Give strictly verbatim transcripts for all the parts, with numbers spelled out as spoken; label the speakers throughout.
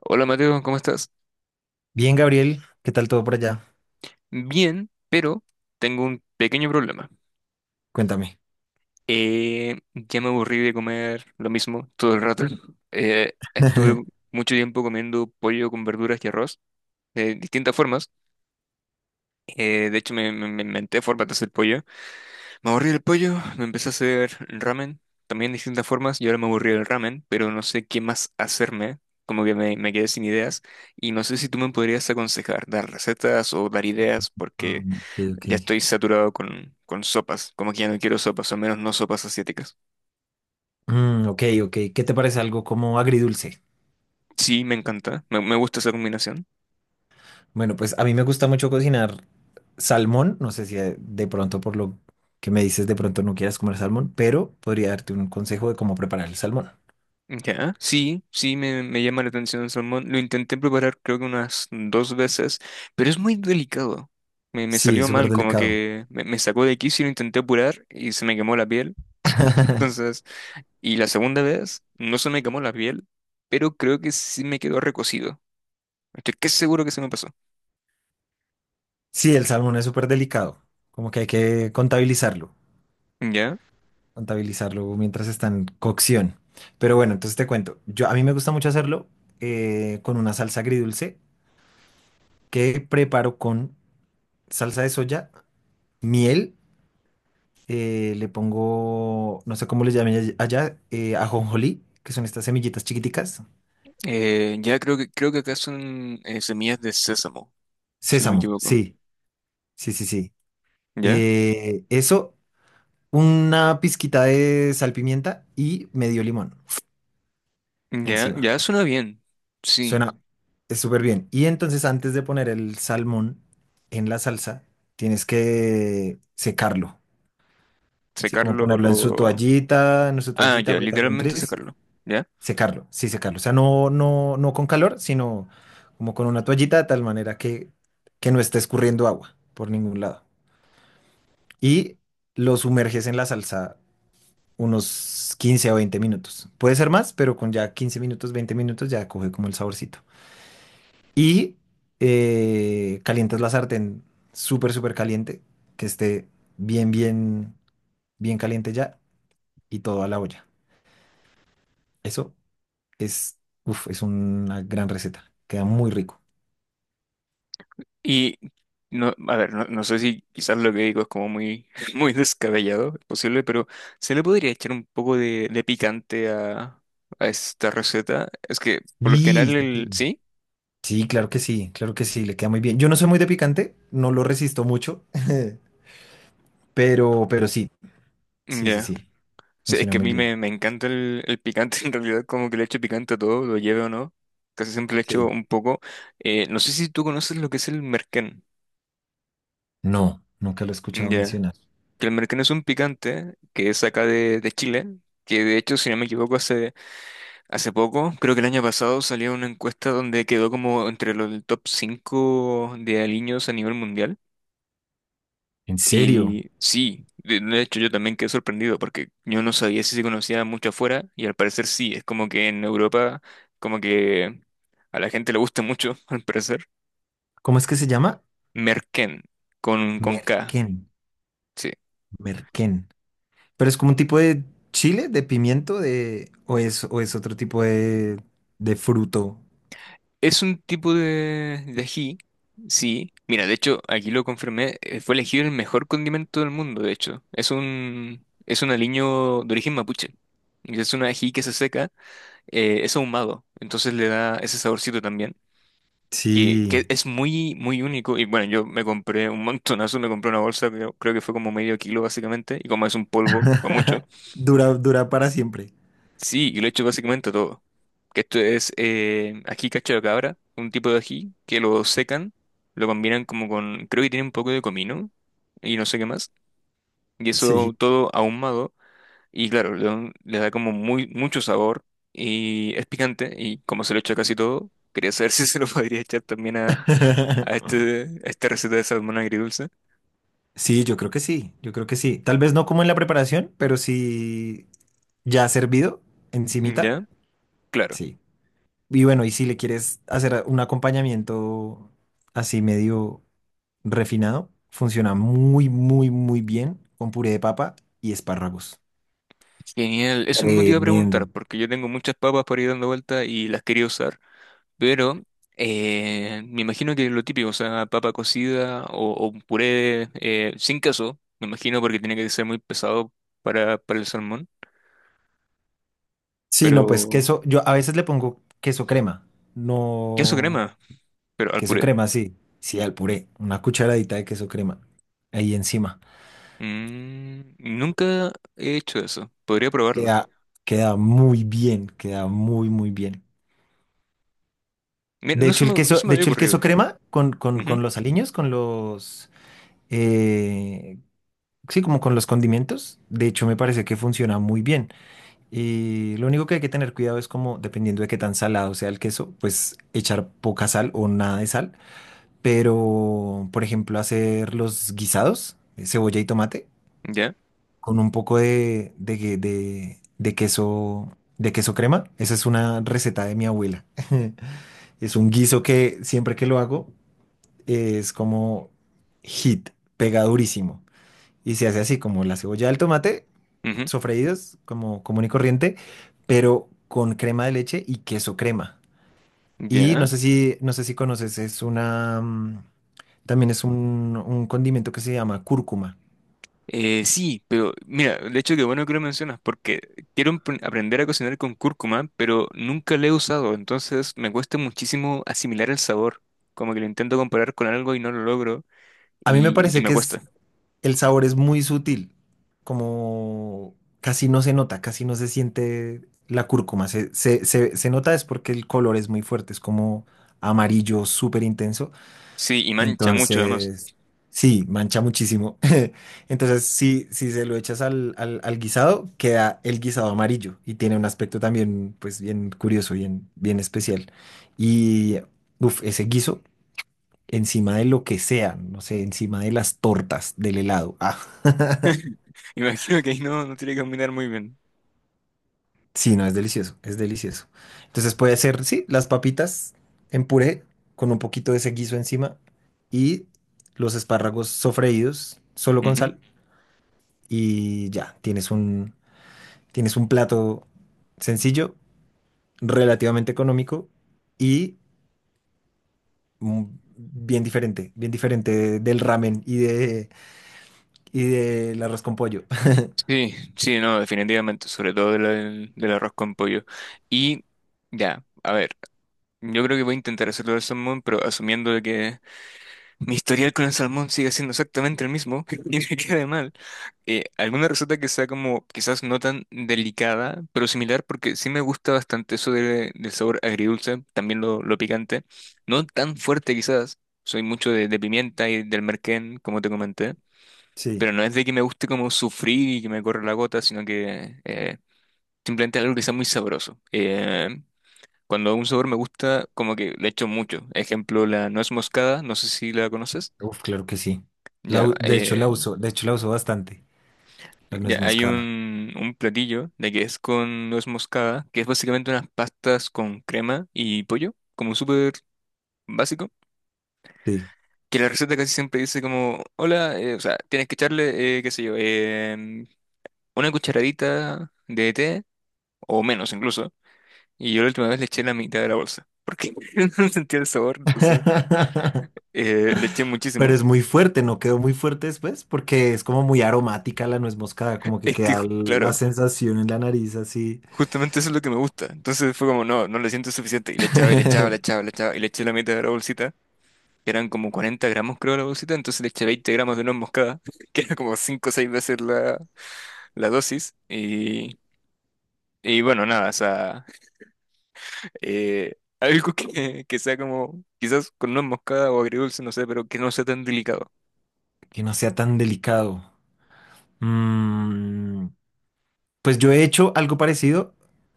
Speaker 1: Hola Mateo, ¿cómo estás?
Speaker 2: Bien, Gabriel, ¿qué tal todo por allá?
Speaker 1: Bien, pero tengo un pequeño problema.
Speaker 2: Cuéntame.
Speaker 1: Eh, ya me aburrí de comer lo mismo todo el rato. Eh, estuve mucho tiempo comiendo pollo con verduras y arroz de distintas formas. Eh, de hecho, me, me- me inventé formas de hacer pollo. Me aburrí del pollo, me empecé a hacer ramen, también de distintas formas, y ahora me aburrí del ramen, pero no sé qué más hacerme. Como que me, me quedé sin ideas y no sé si tú me podrías aconsejar, dar recetas o dar ideas,
Speaker 2: Ah,
Speaker 1: porque...
Speaker 2: ok, ok.
Speaker 1: Ya estoy saturado con, con sopas, como que ya no quiero sopas, al menos no sopas asiáticas.
Speaker 2: Mm, ok, ok. ¿Qué te parece algo como agridulce?
Speaker 1: Sí, me encanta, me, me gusta esa combinación.
Speaker 2: Bueno, pues a mí me gusta mucho cocinar salmón. No sé si eh, de pronto por lo que me dices de pronto no quieras comer salmón, pero podría darte un consejo de cómo preparar el salmón.
Speaker 1: Ya, sí, sí, me, me llama la atención el salmón. Lo intenté preparar creo que unas dos veces, pero es muy delicado. Me, me
Speaker 2: Sí, es
Speaker 1: salió
Speaker 2: súper
Speaker 1: mal, como
Speaker 2: delicado.
Speaker 1: que me, me sacó de quicio y lo intenté apurar y se me quemó la piel. Entonces, y la segunda vez no se me quemó la piel, pero creo que sí me quedó recocido. Estoy que seguro que se me pasó.
Speaker 2: Sí, el salmón es súper delicado, como que hay que contabilizarlo.
Speaker 1: ¿Ya?
Speaker 2: Contabilizarlo mientras está en cocción. Pero bueno, entonces te cuento. Yo, a mí me gusta mucho hacerlo eh, con una salsa agridulce que preparo con salsa de soya, miel, eh, le pongo, no sé cómo les llamen all- allá, eh, ajonjolí, que son estas semillitas chiquiticas.
Speaker 1: Eh, ya creo que creo que acá son eh, semillas de sésamo, si no me
Speaker 2: Sésamo,
Speaker 1: equivoco.
Speaker 2: sí, sí, sí, sí.
Speaker 1: ¿Ya?
Speaker 2: Eh, eso, una pizquita de sal pimienta y medio limón
Speaker 1: Ya,
Speaker 2: encima.
Speaker 1: ya suena bien. Sí,
Speaker 2: Suena es súper bien. Y entonces antes de poner el salmón en la salsa, tienes que secarlo. Sí, como
Speaker 1: secarlo
Speaker 2: ponerlo en su
Speaker 1: lo...
Speaker 2: toallita, en su
Speaker 1: Ah,
Speaker 2: toallita,
Speaker 1: ya,
Speaker 2: apretarlo un
Speaker 1: literalmente
Speaker 2: tris,
Speaker 1: secarlo. ¿Ya?
Speaker 2: secarlo, sí, secarlo. O sea, no, no, no con calor, sino como con una toallita de tal manera que, que no esté escurriendo agua por ningún lado. Y lo sumerges en la salsa unos quince o veinte minutos. Puede ser más, pero con ya quince minutos, veinte minutos ya coge como el saborcito. Y eh, calientas la sartén súper, súper caliente, que esté bien, bien, bien caliente ya y todo a la olla. Eso es, uf, es una gran receta. Queda muy rico.
Speaker 1: Y no, a ver, no, no sé si quizás lo que digo es como muy, muy descabellado, es posible, pero se le podría echar un poco de, de picante a, a esta receta. Es que por lo general
Speaker 2: Sí, sí,
Speaker 1: el...
Speaker 2: sí.
Speaker 1: ¿Sí?
Speaker 2: Sí, claro que sí, claro que sí, le queda muy bien. Yo no soy muy de picante, no lo resisto mucho, pero, pero sí, sí, sí,
Speaker 1: Ya.
Speaker 2: sí,
Speaker 1: Sí, es
Speaker 2: funciona
Speaker 1: que a
Speaker 2: muy
Speaker 1: mí
Speaker 2: bien.
Speaker 1: me, me encanta el, el picante, en realidad como que le echo picante a todo, lo lleve o no, casi siempre le echo
Speaker 2: Sí.
Speaker 1: un poco. Eh, no sé si tú conoces lo que es el merquén,
Speaker 2: No, nunca lo he escuchado
Speaker 1: ya,
Speaker 2: mencionar.
Speaker 1: que el merquén es un picante que es acá de, de Chile, que de hecho, si no me equivoco, hace, hace poco, creo que el año pasado salió una encuesta donde quedó como entre los del top cinco de aliños a nivel mundial.
Speaker 2: ¿En serio?
Speaker 1: Y sí, de de hecho yo también quedé sorprendido porque yo no sabía si se conocía mucho afuera y al parecer sí, es como que en Europa como que a la gente le gusta mucho, al parecer.
Speaker 2: ¿Cómo es que se llama?
Speaker 1: Merquén, con, con K,
Speaker 2: Merquén,
Speaker 1: sí.
Speaker 2: merquén. Pero es como un tipo de chile, de pimiento, de... o es, o es otro tipo de, de fruto.
Speaker 1: Es un tipo de, de ají, sí. Mira, de hecho aquí lo confirmé, eh, fue elegido el mejor condimento del mundo, de hecho. Es un, es un aliño de origen mapuche. Y es un ají que se seca, eh, es ahumado, entonces le da ese saborcito también. que,
Speaker 2: Sí.
Speaker 1: que es muy, muy único. Y bueno, yo me compré un montonazo, me compré una bolsa, creo, creo que fue como medio kilo básicamente, y como es un polvo, fue mucho.
Speaker 2: Dura, dura para siempre.
Speaker 1: Sí, y lo he hecho básicamente todo. Que esto es eh, ají cacho de cabra, un tipo de ají que lo secan, lo combinan como con, creo que tiene un poco de comino y no sé qué más. Y
Speaker 2: Sí.
Speaker 1: eso todo ahumado y claro, le, da un- le da como muy, mucho sabor y es picante y como se lo echa casi todo, quería saber si se lo podría echar también a, a este, a esta receta de salmón agridulce.
Speaker 2: Sí, yo creo que sí, yo creo que sí. Tal vez no como en la preparación, pero sí ya servido encimita.
Speaker 1: ¿Ya? Claro.
Speaker 2: Sí. Y bueno, y si le quieres hacer un acompañamiento así medio refinado, funciona muy, muy, muy bien con puré de papa y espárragos.
Speaker 1: Genial. Eso mismo te iba a
Speaker 2: Tremendo.
Speaker 1: preguntar, porque yo tengo muchas papas por ir dando vuelta y las quería usar, pero eh, me imagino que lo típico, o sea, papa cocida o, o un puré eh, sin queso, me imagino porque tiene que ser muy pesado para, para el salmón,
Speaker 2: Sí, no, pues
Speaker 1: pero
Speaker 2: queso, yo a veces le pongo queso crema,
Speaker 1: queso
Speaker 2: no,
Speaker 1: crema, pero al
Speaker 2: queso
Speaker 1: puré.
Speaker 2: crema, sí, sí, al puré, una cucharadita de queso crema ahí encima.
Speaker 1: Mm, nunca he hecho eso. Podría probarlo.
Speaker 2: Queda, queda muy bien, queda muy, muy bien.
Speaker 1: Mira,
Speaker 2: De
Speaker 1: no se
Speaker 2: hecho, el
Speaker 1: me, no
Speaker 2: queso,
Speaker 1: se me
Speaker 2: de
Speaker 1: había
Speaker 2: hecho, el queso
Speaker 1: ocurrido.
Speaker 2: crema con, con,
Speaker 1: Ujú,
Speaker 2: con los aliños, con los, eh, sí, como con los condimentos, de hecho, me parece que funciona muy bien. Y lo único que hay que tener cuidado es como, dependiendo de qué tan salado sea el queso, pues echar poca sal o nada de sal, pero por ejemplo hacer los guisados, eh, cebolla y tomate,
Speaker 1: ya.
Speaker 2: con un poco de, de, que- de- de queso, de queso crema. Esa es una receta de mi abuela. Es un guiso que siempre que lo hago eh, es como hit, pega durísimo. Y se hace así como la cebolla del tomate,
Speaker 1: Ujú,
Speaker 2: sofreídos como común y corriente, pero con crema de leche y queso crema. Y no
Speaker 1: ya.
Speaker 2: sé si, no sé si conoces, es una, mm, también es un, un condimento que se llama cúrcuma.
Speaker 1: Eh, sí, pero mira, de hecho que bueno que lo mencionas, porque quiero emp- aprender a cocinar con cúrcuma, pero nunca la he usado, entonces me cuesta muchísimo asimilar el sabor, como que lo intento comparar con algo y no lo logro,
Speaker 2: A mí me
Speaker 1: y, y
Speaker 2: parece
Speaker 1: me
Speaker 2: que es,
Speaker 1: cuesta.
Speaker 2: el sabor es muy sutil, como casi no se nota, casi no se siente la cúrcuma. Se, se, se, se nota es porque el color es muy fuerte, es como amarillo súper intenso.
Speaker 1: Sí, y mancha mucho además.
Speaker 2: Entonces, sí, mancha muchísimo. Entonces, si, si se lo echas al, al, al guisado, queda el guisado amarillo y tiene un aspecto también, pues, bien curioso, bien, bien especial. Y, uff, ese guiso encima de lo que sea, no sé, encima de las tortas, del helado. Ah,
Speaker 1: Imagino que ahí no, no tiene que combinar muy bien.
Speaker 2: sí, no, es delicioso, es delicioso. Entonces puede ser, sí, las papitas en puré con un poquito de ese guiso encima y los espárragos sofreídos solo con
Speaker 1: Ujú.
Speaker 2: sal y ya, tienes un Tienes un plato sencillo, relativamente económico y mm, bien diferente, bien diferente del ramen y de y del arroz con pollo.
Speaker 1: Sí, sí, no, definitivamente, sobre todo del, del del arroz con pollo. Y ya, a ver, yo creo que voy a intentar hacerlo del salmón, pero asumiendo de que mi historial con el salmón sigue siendo exactamente el mismo y me queda mal. Eh, alguna receta que sea como quizás no tan delicada, pero similar, porque sí me gusta bastante eso de- del sabor agridulce, también lo, lo picante. No tan fuerte quizás, soy mucho de, de pimienta y del merquén, como te comenté,
Speaker 2: Sí,
Speaker 1: pero no es de que me guste como sufrir y que me corra la gota, sino que eh, simplemente algo que sea muy sabroso. Eh, cuando un sabor me gusta, como que le echo mucho. Ejemplo, la nuez moscada, no sé si la conoces.
Speaker 2: uf, claro que sí. La
Speaker 1: Ya,
Speaker 2: u- de hecho la
Speaker 1: eh,
Speaker 2: uso, de hecho la uso bastante, la
Speaker 1: ya
Speaker 2: nuez
Speaker 1: hay
Speaker 2: moscada.
Speaker 1: un, un platillo de que es con nuez moscada, que es básicamente unas pastas con crema y pollo, como súper básico.
Speaker 2: Sí.
Speaker 1: Que la receta casi siempre dice como, hola, eh, o sea, tienes que echarle, eh, qué sé yo, em, una cucharadita de té, o menos incluso. Y yo la última vez le eché la mitad de la bolsa, porque no sentía el sabor, entonces eh, le eché
Speaker 2: Pero
Speaker 1: muchísimo.
Speaker 2: es muy fuerte, ¿no? Quedó muy fuerte después porque es como muy aromática la nuez moscada, como que
Speaker 1: Es que,
Speaker 2: queda l- la
Speaker 1: claro.
Speaker 2: sensación en la nariz así.
Speaker 1: Justamente eso es lo que me gusta. Entonces fue como, no, no le siento suficiente. Y le echaba, y le echaba, le echaba, le echaba, y le eché la mitad de la bolsita. Que eran como cuarenta gramos, creo, la bolsita. Entonces le eché veinte gramos de nuez moscada, que era como cinco o seis veces la, la dosis. Y, y bueno, nada, o sea, eh, algo que, que sea como, quizás con nuez moscada o agridulce, no sé, pero que no sea tan delicado.
Speaker 2: Que no sea tan delicado. Mm, pues yo he hecho algo parecido,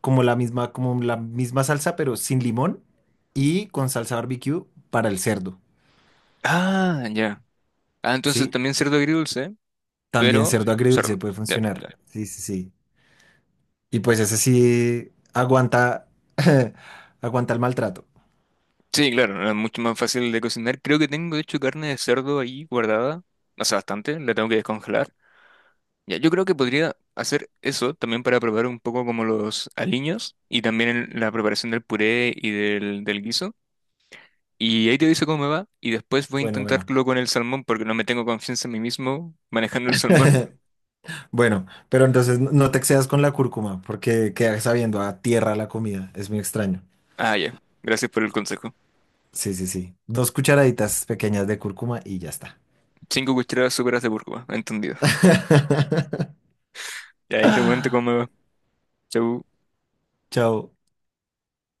Speaker 2: como la misma, como la misma salsa, pero sin limón y con salsa barbecue para el cerdo,
Speaker 1: Ah, ya. Ah, entonces
Speaker 2: ¿sí?
Speaker 1: también cerdo agridulce,
Speaker 2: También
Speaker 1: pero
Speaker 2: cerdo
Speaker 1: cerdo.
Speaker 2: agridulce puede
Speaker 1: Ya,
Speaker 2: funcionar,
Speaker 1: ya.
Speaker 2: sí, sí, sí. Y pues ese sí aguanta, aguanta el maltrato.
Speaker 1: Sí, claro, no es mucho más fácil de cocinar. Creo que tengo, de hecho, carne de cerdo ahí guardada, hace bastante, la tengo que descongelar. Ya, yo creo que podría hacer eso también para probar un poco como los aliños y también el- la preparación del puré y del, del guiso. Y ahí te dice cómo me va y después voy a
Speaker 2: Bueno, bueno.
Speaker 1: intentarlo con el salmón porque no me tengo confianza en mí mismo manejando el salmón.
Speaker 2: Bueno, pero entonces no no te excedas con la cúrcuma, porque queda sabiendo a tierra la comida, es muy extraño.
Speaker 1: Ah, ya, gracias por el consejo.
Speaker 2: Sí, sí, sí. Dos cucharaditas pequeñas de cúrcuma y ya está.
Speaker 1: Cinco cucharadas súperas de cúrcuma, entendido. Y ahí te comento cómo me va. Chau.
Speaker 2: Chao.